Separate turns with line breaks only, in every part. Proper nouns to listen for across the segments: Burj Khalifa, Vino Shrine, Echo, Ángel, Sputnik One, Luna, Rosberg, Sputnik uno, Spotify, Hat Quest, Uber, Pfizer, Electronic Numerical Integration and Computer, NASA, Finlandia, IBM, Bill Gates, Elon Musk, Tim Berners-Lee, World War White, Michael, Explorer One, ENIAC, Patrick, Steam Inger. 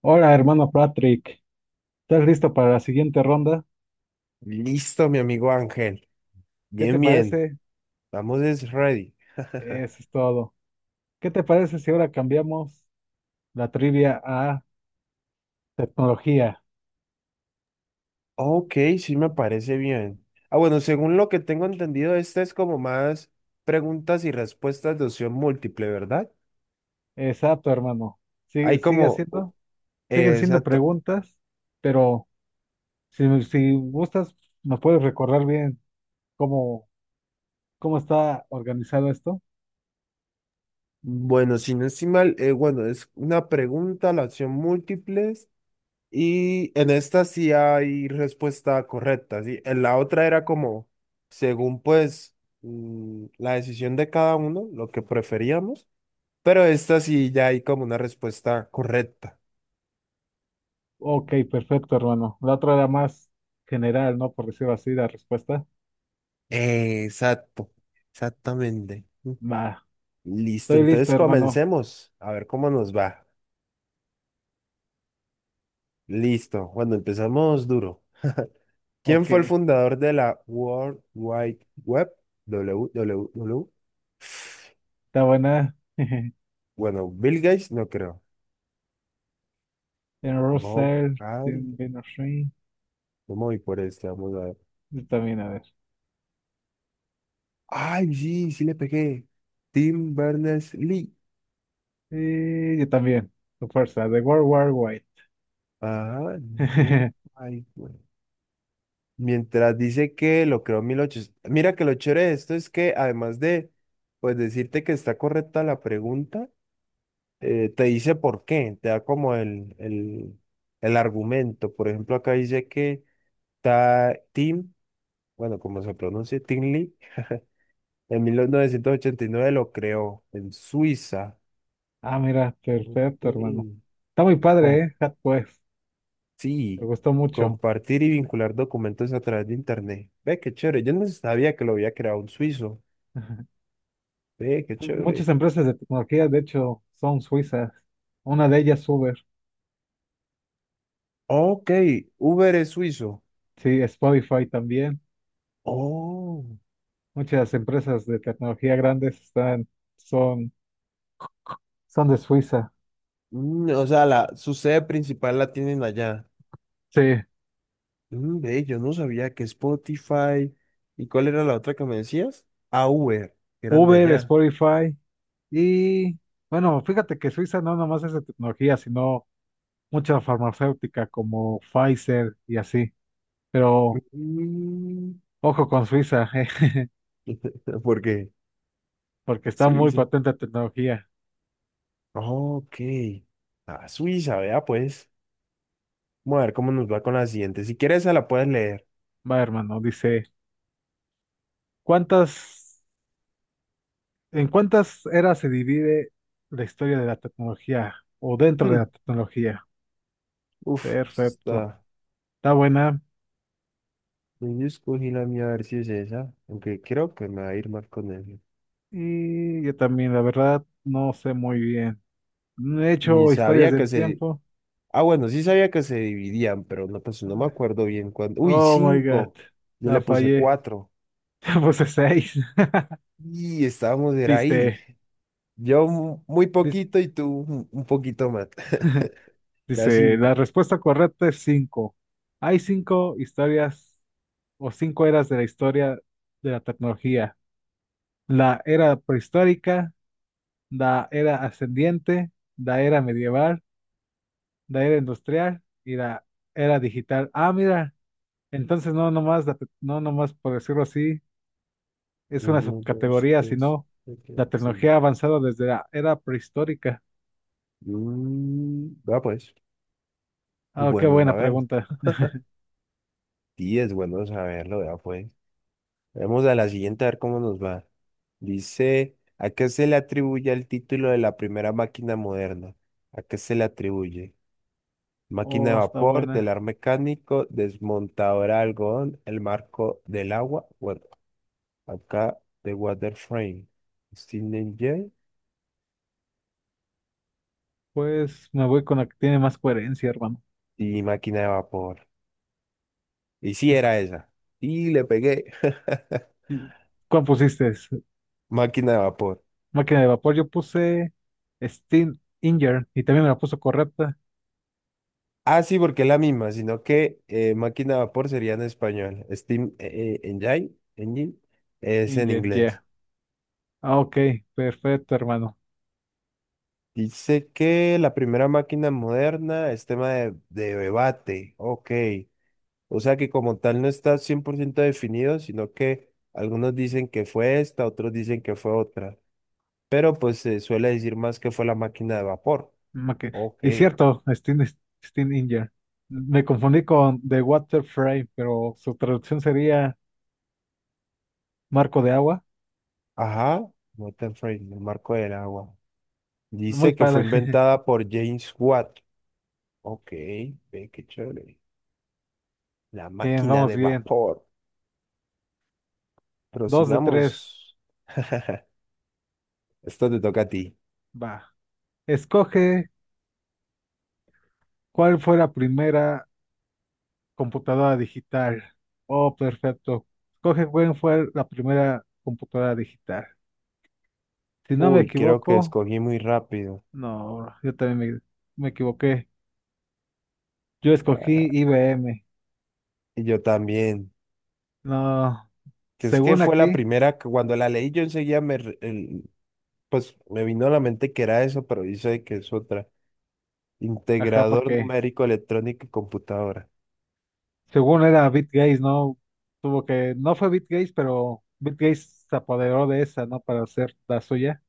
Hola, hermano Patrick. ¿Estás listo para la siguiente ronda?
Listo, mi amigo Ángel.
¿Qué te
Bien, bien.
parece?
Vamos, es ready.
Eso es todo. ¿Qué te parece si ahora cambiamos la trivia a tecnología?
Ok, sí me parece bien. Bueno, según lo que tengo entendido, esta es como más preguntas y respuestas de opción múltiple, ¿verdad?
Exacto, hermano. Sigue,
Hay
sigue
como,
haciendo, siguen siendo
exacto.
preguntas, pero si gustas, ¿nos puedes recordar bien cómo, cómo está organizado esto?
Bueno, si no estoy mal, bueno, es una pregunta, la opción múltiples, y en esta sí hay respuesta correcta, ¿sí? En la otra era como, según pues la decisión de cada uno, lo que preferíamos. Pero esta sí ya hay como una respuesta correcta.
Ok, perfecto, hermano. La otra era más general, ¿no? Por decirlo así, la respuesta.
Exacto, exactamente.
Va,
Listo,
estoy listo,
entonces
hermano.
comencemos a ver cómo nos va. Listo, cuando empezamos duro. ¿Quién
Ok,
fue el fundador de la World Wide Web? WWW.
está buena.
Bueno, Bill Gates no creo.
Tiene
Bob
Russell,
Hall,
tiene Vino Shrine.
no me voy por este, vamos a ver.
Yo también, a ver.
Ay, sí, sí le pegué. Tim Berners-Lee.
Y yo también. Tu fuerza, de World War White.
Ajá, World Wide Web. Mientras dice que lo creó en 1800. Mira que lo chévere de esto es que además de pues decirte que está correcta la pregunta, te dice por qué, te da como el argumento. Por ejemplo, acá dice que Tim, bueno, como se pronuncia, Tim Lee, en 1989 lo creó en Suiza.
Ah, mira,
Ok.
perfecto, hermano. Está muy padre,
Com-
¿eh? Hat Quest. Me
sí,
gustó mucho.
compartir y vincular documentos a través de Internet. Ve, qué chévere. Yo no sabía que lo había creado un suizo. Ve, qué
Muchas
chévere.
empresas de tecnología, de hecho, son suizas. Una de ellas, Uber.
Ok, Uber es suizo.
Sí, Spotify también.
Oh,
Muchas empresas de tecnología grandes están, son, son de Suiza.
mm, o sea, su sede principal la tienen allá.
Sí.
Mm, ve, yo no sabía que Spotify. ¿Y cuál era la otra que me decías? Ah, Uber, que eran de
Uber,
allá.
Spotify y bueno, fíjate que Suiza no nomás es de tecnología, sino mucha farmacéutica como Pfizer y así. Pero
Mm,
ojo con Suiza,
¿por qué?
porque está muy
Suiza.
patente la tecnología.
Ok. Ah, Suiza, vea pues. Vamos a ver cómo nos va con la siguiente. Si quieres, esa la puedes leer.
Va, hermano, dice, ¿cuántas, en cuántas eras se divide la historia de la tecnología o dentro de la
Hmm,
tecnología?
uf, esa
Perfecto.
está.
Está buena.
Yo escogí la mía a ver si es esa, aunque creo que me va a ir mal con él.
Y yo también, la verdad, no sé muy bien. No he
Ni
hecho historias
sabía que
del
se...
tiempo.
Ah, bueno, sí sabía que se dividían, pero no, pues no me
eh,
acuerdo bien cuándo. Uy,
Oh my God,
cinco. Yo
la
le puse
fallé.
cuatro.
Ya puse seis.
Y estábamos, era ahí.
Dice,
Yo muy
dis-
poquito y tú un poquito más. Era
dice, la
cinco.
respuesta correcta es cinco. Hay cinco historias o cinco eras de la historia de la tecnología. La era prehistórica, la era ascendiente, la era medieval, la era industrial y la era digital. Ah, mira, entonces no nomás, no nomás por decirlo así, es una
Uno, dos,
subcategoría,
tres,
sino
cuatro,
la
cinco.
tecnología ha avanzado desde la era prehistórica.
Mm, vea pues, es
Ah, qué
bueno
buena
saberlo.
pregunta.
Sí, es bueno saberlo, vea pues. Vamos a la siguiente a ver cómo nos va. Dice, ¿a qué se le atribuye el título de la primera máquina moderna? ¿A qué se le atribuye? Máquina de
Oh, está
vapor,
buena.
telar mecánico, desmontadora de algodón, el marco del agua. Bueno, acá de Water Frame. Steam Engine
Pues me voy con la que tiene más coherencia, hermano.
y máquina de vapor. Y sí
Es-
era esa. Y le pegué.
¿Cuál pusiste?
Máquina de vapor.
Máquina de vapor. Yo puse Steam Inger y también me la puso correcta.
Ah, sí, porque es la misma, sino que máquina de vapor sería en español. Steam Engine, Engine es en
Inger, yeah.
inglés.
Ah, ok, perfecto, hermano.
Dice que la primera máquina moderna es tema de debate. Ok. O sea que como tal no está 100% definido, sino que algunos dicen que fue esta, otros dicen que fue otra. Pero pues se suele decir más que fue la máquina de vapor.
Maqui-
Ok.
Y cierto, Steam Inger. Me confundí con The Water Frame, pero su traducción sería marco de agua.
Ajá. Water frame, el marco del agua.
Muy
Dice que fue
padre.
inventada por James Watt. Ok, ve qué chévere. La
Bien,
máquina
vamos
de
bien.
vapor.
Dos de tres.
Prosigamos. Esto te toca a ti.
Va. Escoge cuál fue la primera computadora digital. Oh, perfecto. Cogen fue la primera computadora digital. Si no me
Uy, creo que
equivoco,
escogí muy rápido.
no, yo también me equivoqué. Yo escogí IBM.
Y yo también.
No,
Que es que
según
fue la
aquí,
primera que cuando la leí yo enseguida me, pues me vino a la mente que era eso, pero dice que es otra.
ajá,
Integrador
porque
numérico electrónico y computadora.
según era Bill Gates, ¿no? Tuvo que, no fue Bill Gates, pero Bill Gates se apoderó de esa, ¿no? Para hacer la suya.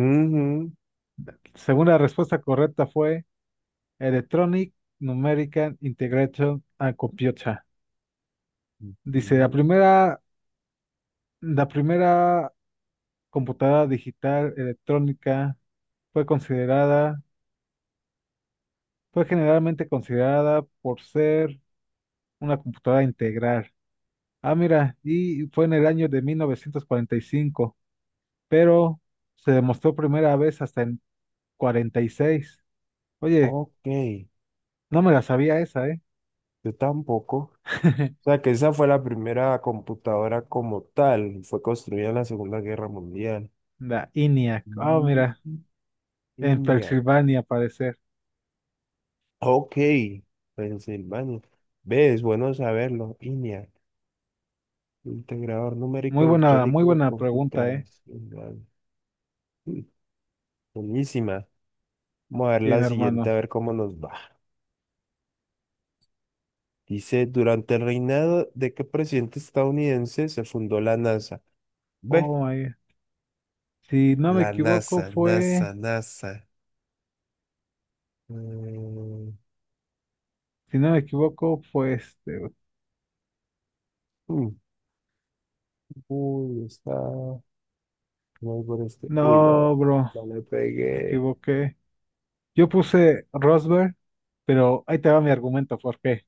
Ujú,
Según la respuesta correcta fue Electronic Numerical Integration and Computer. Dice, la
ujú.
primera La primera computadora digital electrónica fue considerada, fue generalmente considerada por ser una computadora integral. Ah, mira, y fue en el año de 1945, pero se demostró primera vez hasta en 46. Oye,
Ok,
no me la sabía esa, ¿eh?
yo tampoco. O sea que esa fue la primera computadora como tal. Fue construida en la Segunda Guerra Mundial.
La ENIAC. Ah,
Mm,
mira, en
ENIAC.
Pensilvania, parecer.
Ok, Pensilvania. ¿Ves? Bueno saberlo. ENIAC. Integrador numérico
Muy
electrónico de
buena pregunta,
computación.
¿eh?
Mm, buenísima. Vamos a ver
Bien,
la siguiente,
hermano.
a ver cómo nos va. Dice, durante el reinado de qué presidente estadounidense se fundó la NASA.
Oh,
B,
my- Si no me
la
equivoco,
NASA, NASA,
fue.
NASA. Mm,
Si no me equivoco, fue Este.
mm, uy, está. No por este. Uy, no.
No, bro,
No le
me
pegué.
equivoqué. Yo puse Rosberg, pero ahí te va mi argumento, ¿por qué?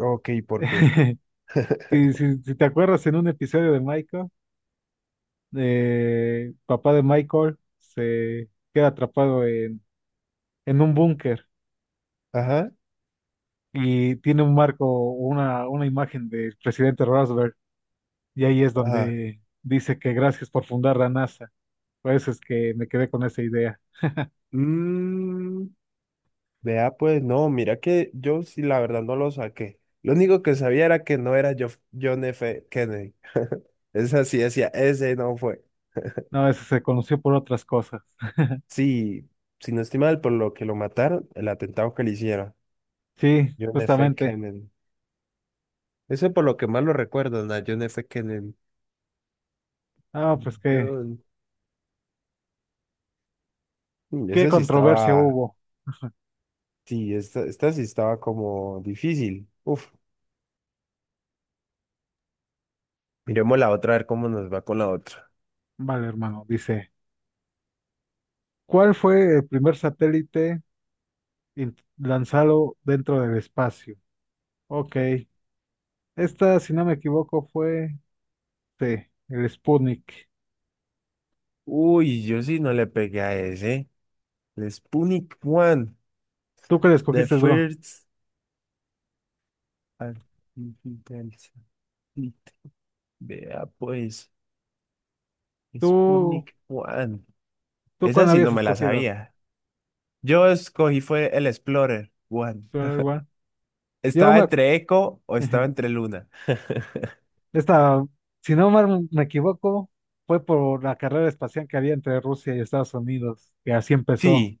Ok, ¿por qué?
Si te acuerdas, en un episodio de Michael, papá de Michael se queda atrapado en un búnker
Ajá,
y tiene un marco, una imagen del presidente Rosberg, y ahí es
ajá.
donde dice que gracias por fundar la NASA. Por eso es que me quedé con esa idea.
Mm, vea, pues no, mira que yo sí la verdad no lo saqué. Lo único que sabía era que no era John F. Kennedy. Esa sí decía, ese no fue.
No, eso se conoció por otras cosas.
Sí, si no estoy mal, por lo que lo mataron, el atentado que le hicieron.
Sí,
John F.
justamente.
Kennedy. Ese por lo que más lo recuerdan, a John F. Kennedy.
Ah, pues qué,
John- Mm,
qué
ese sí
controversia
estaba,
hubo.
sí, esta sí estaba como difícil. Uf, miremos la otra, a ver cómo nos va con la otra.
Vale, hermano, dice, ¿cuál fue el primer satélite lanzado dentro del espacio? Ok, esta, si no me equivoco, fue sí, el Sputnik.
Uy, yo sí no le pegué a ese. El Sputnik One.
¿Tú qué le
The
escogiste, bro?
First Artificial Satellite. Vea pues,
¿Tú,
Sputnik One.
tú
Esa
cuál
sí
habías
no me la
escogido?
sabía. Yo escogí fue el Explorer One.
Tú igual. Yo
Estaba
me...
entre Echo o estaba entre Luna.
Esta, si no mal me equivoco, fue por la carrera espacial que había entre Rusia y Estados Unidos, que así empezó.
Sí,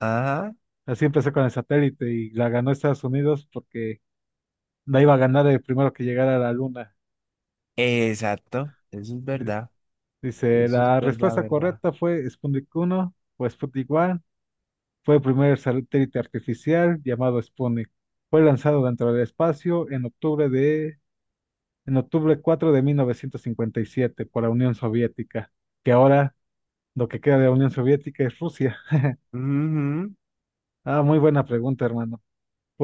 ajá,
Así empezó con el satélite y la ganó Estados Unidos porque la iba a ganar el primero que llegara a la luna.
exacto. Eso es
Di-
verdad.
Dice,
Eso es
la
verdad,
respuesta
verdad.
correcta fue Sputnik 1 o Sputnik 1. Fue el primer satélite artificial llamado Sputnik. Fue lanzado dentro del espacio en octubre 4 de 1957 por la Unión Soviética, que ahora lo que queda de la Unión Soviética es Rusia.
Ujú.
Ah, muy buena pregunta, hermano.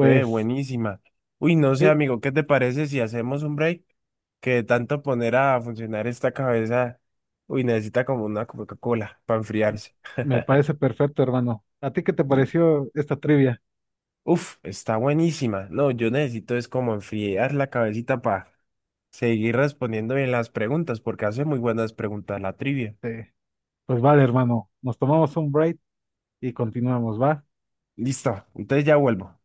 Ve, buenísima. Uy, no sé,
¿qué?
amigo, ¿qué te parece si hacemos un break? Que de tanto poner a funcionar esta cabeza, uy, necesita como una Coca-Cola para enfriarse.
Me parece perfecto, hermano. ¿A ti qué te
Y,
pareció esta trivia?
uf, está buenísima. No, yo necesito es como enfriar la cabecita para seguir respondiendo bien las preguntas, porque hace muy buenas preguntas la trivia.
Eh, pues vale, hermano. Nos tomamos un break, y continuamos, ¿va?
Listo, entonces ya vuelvo.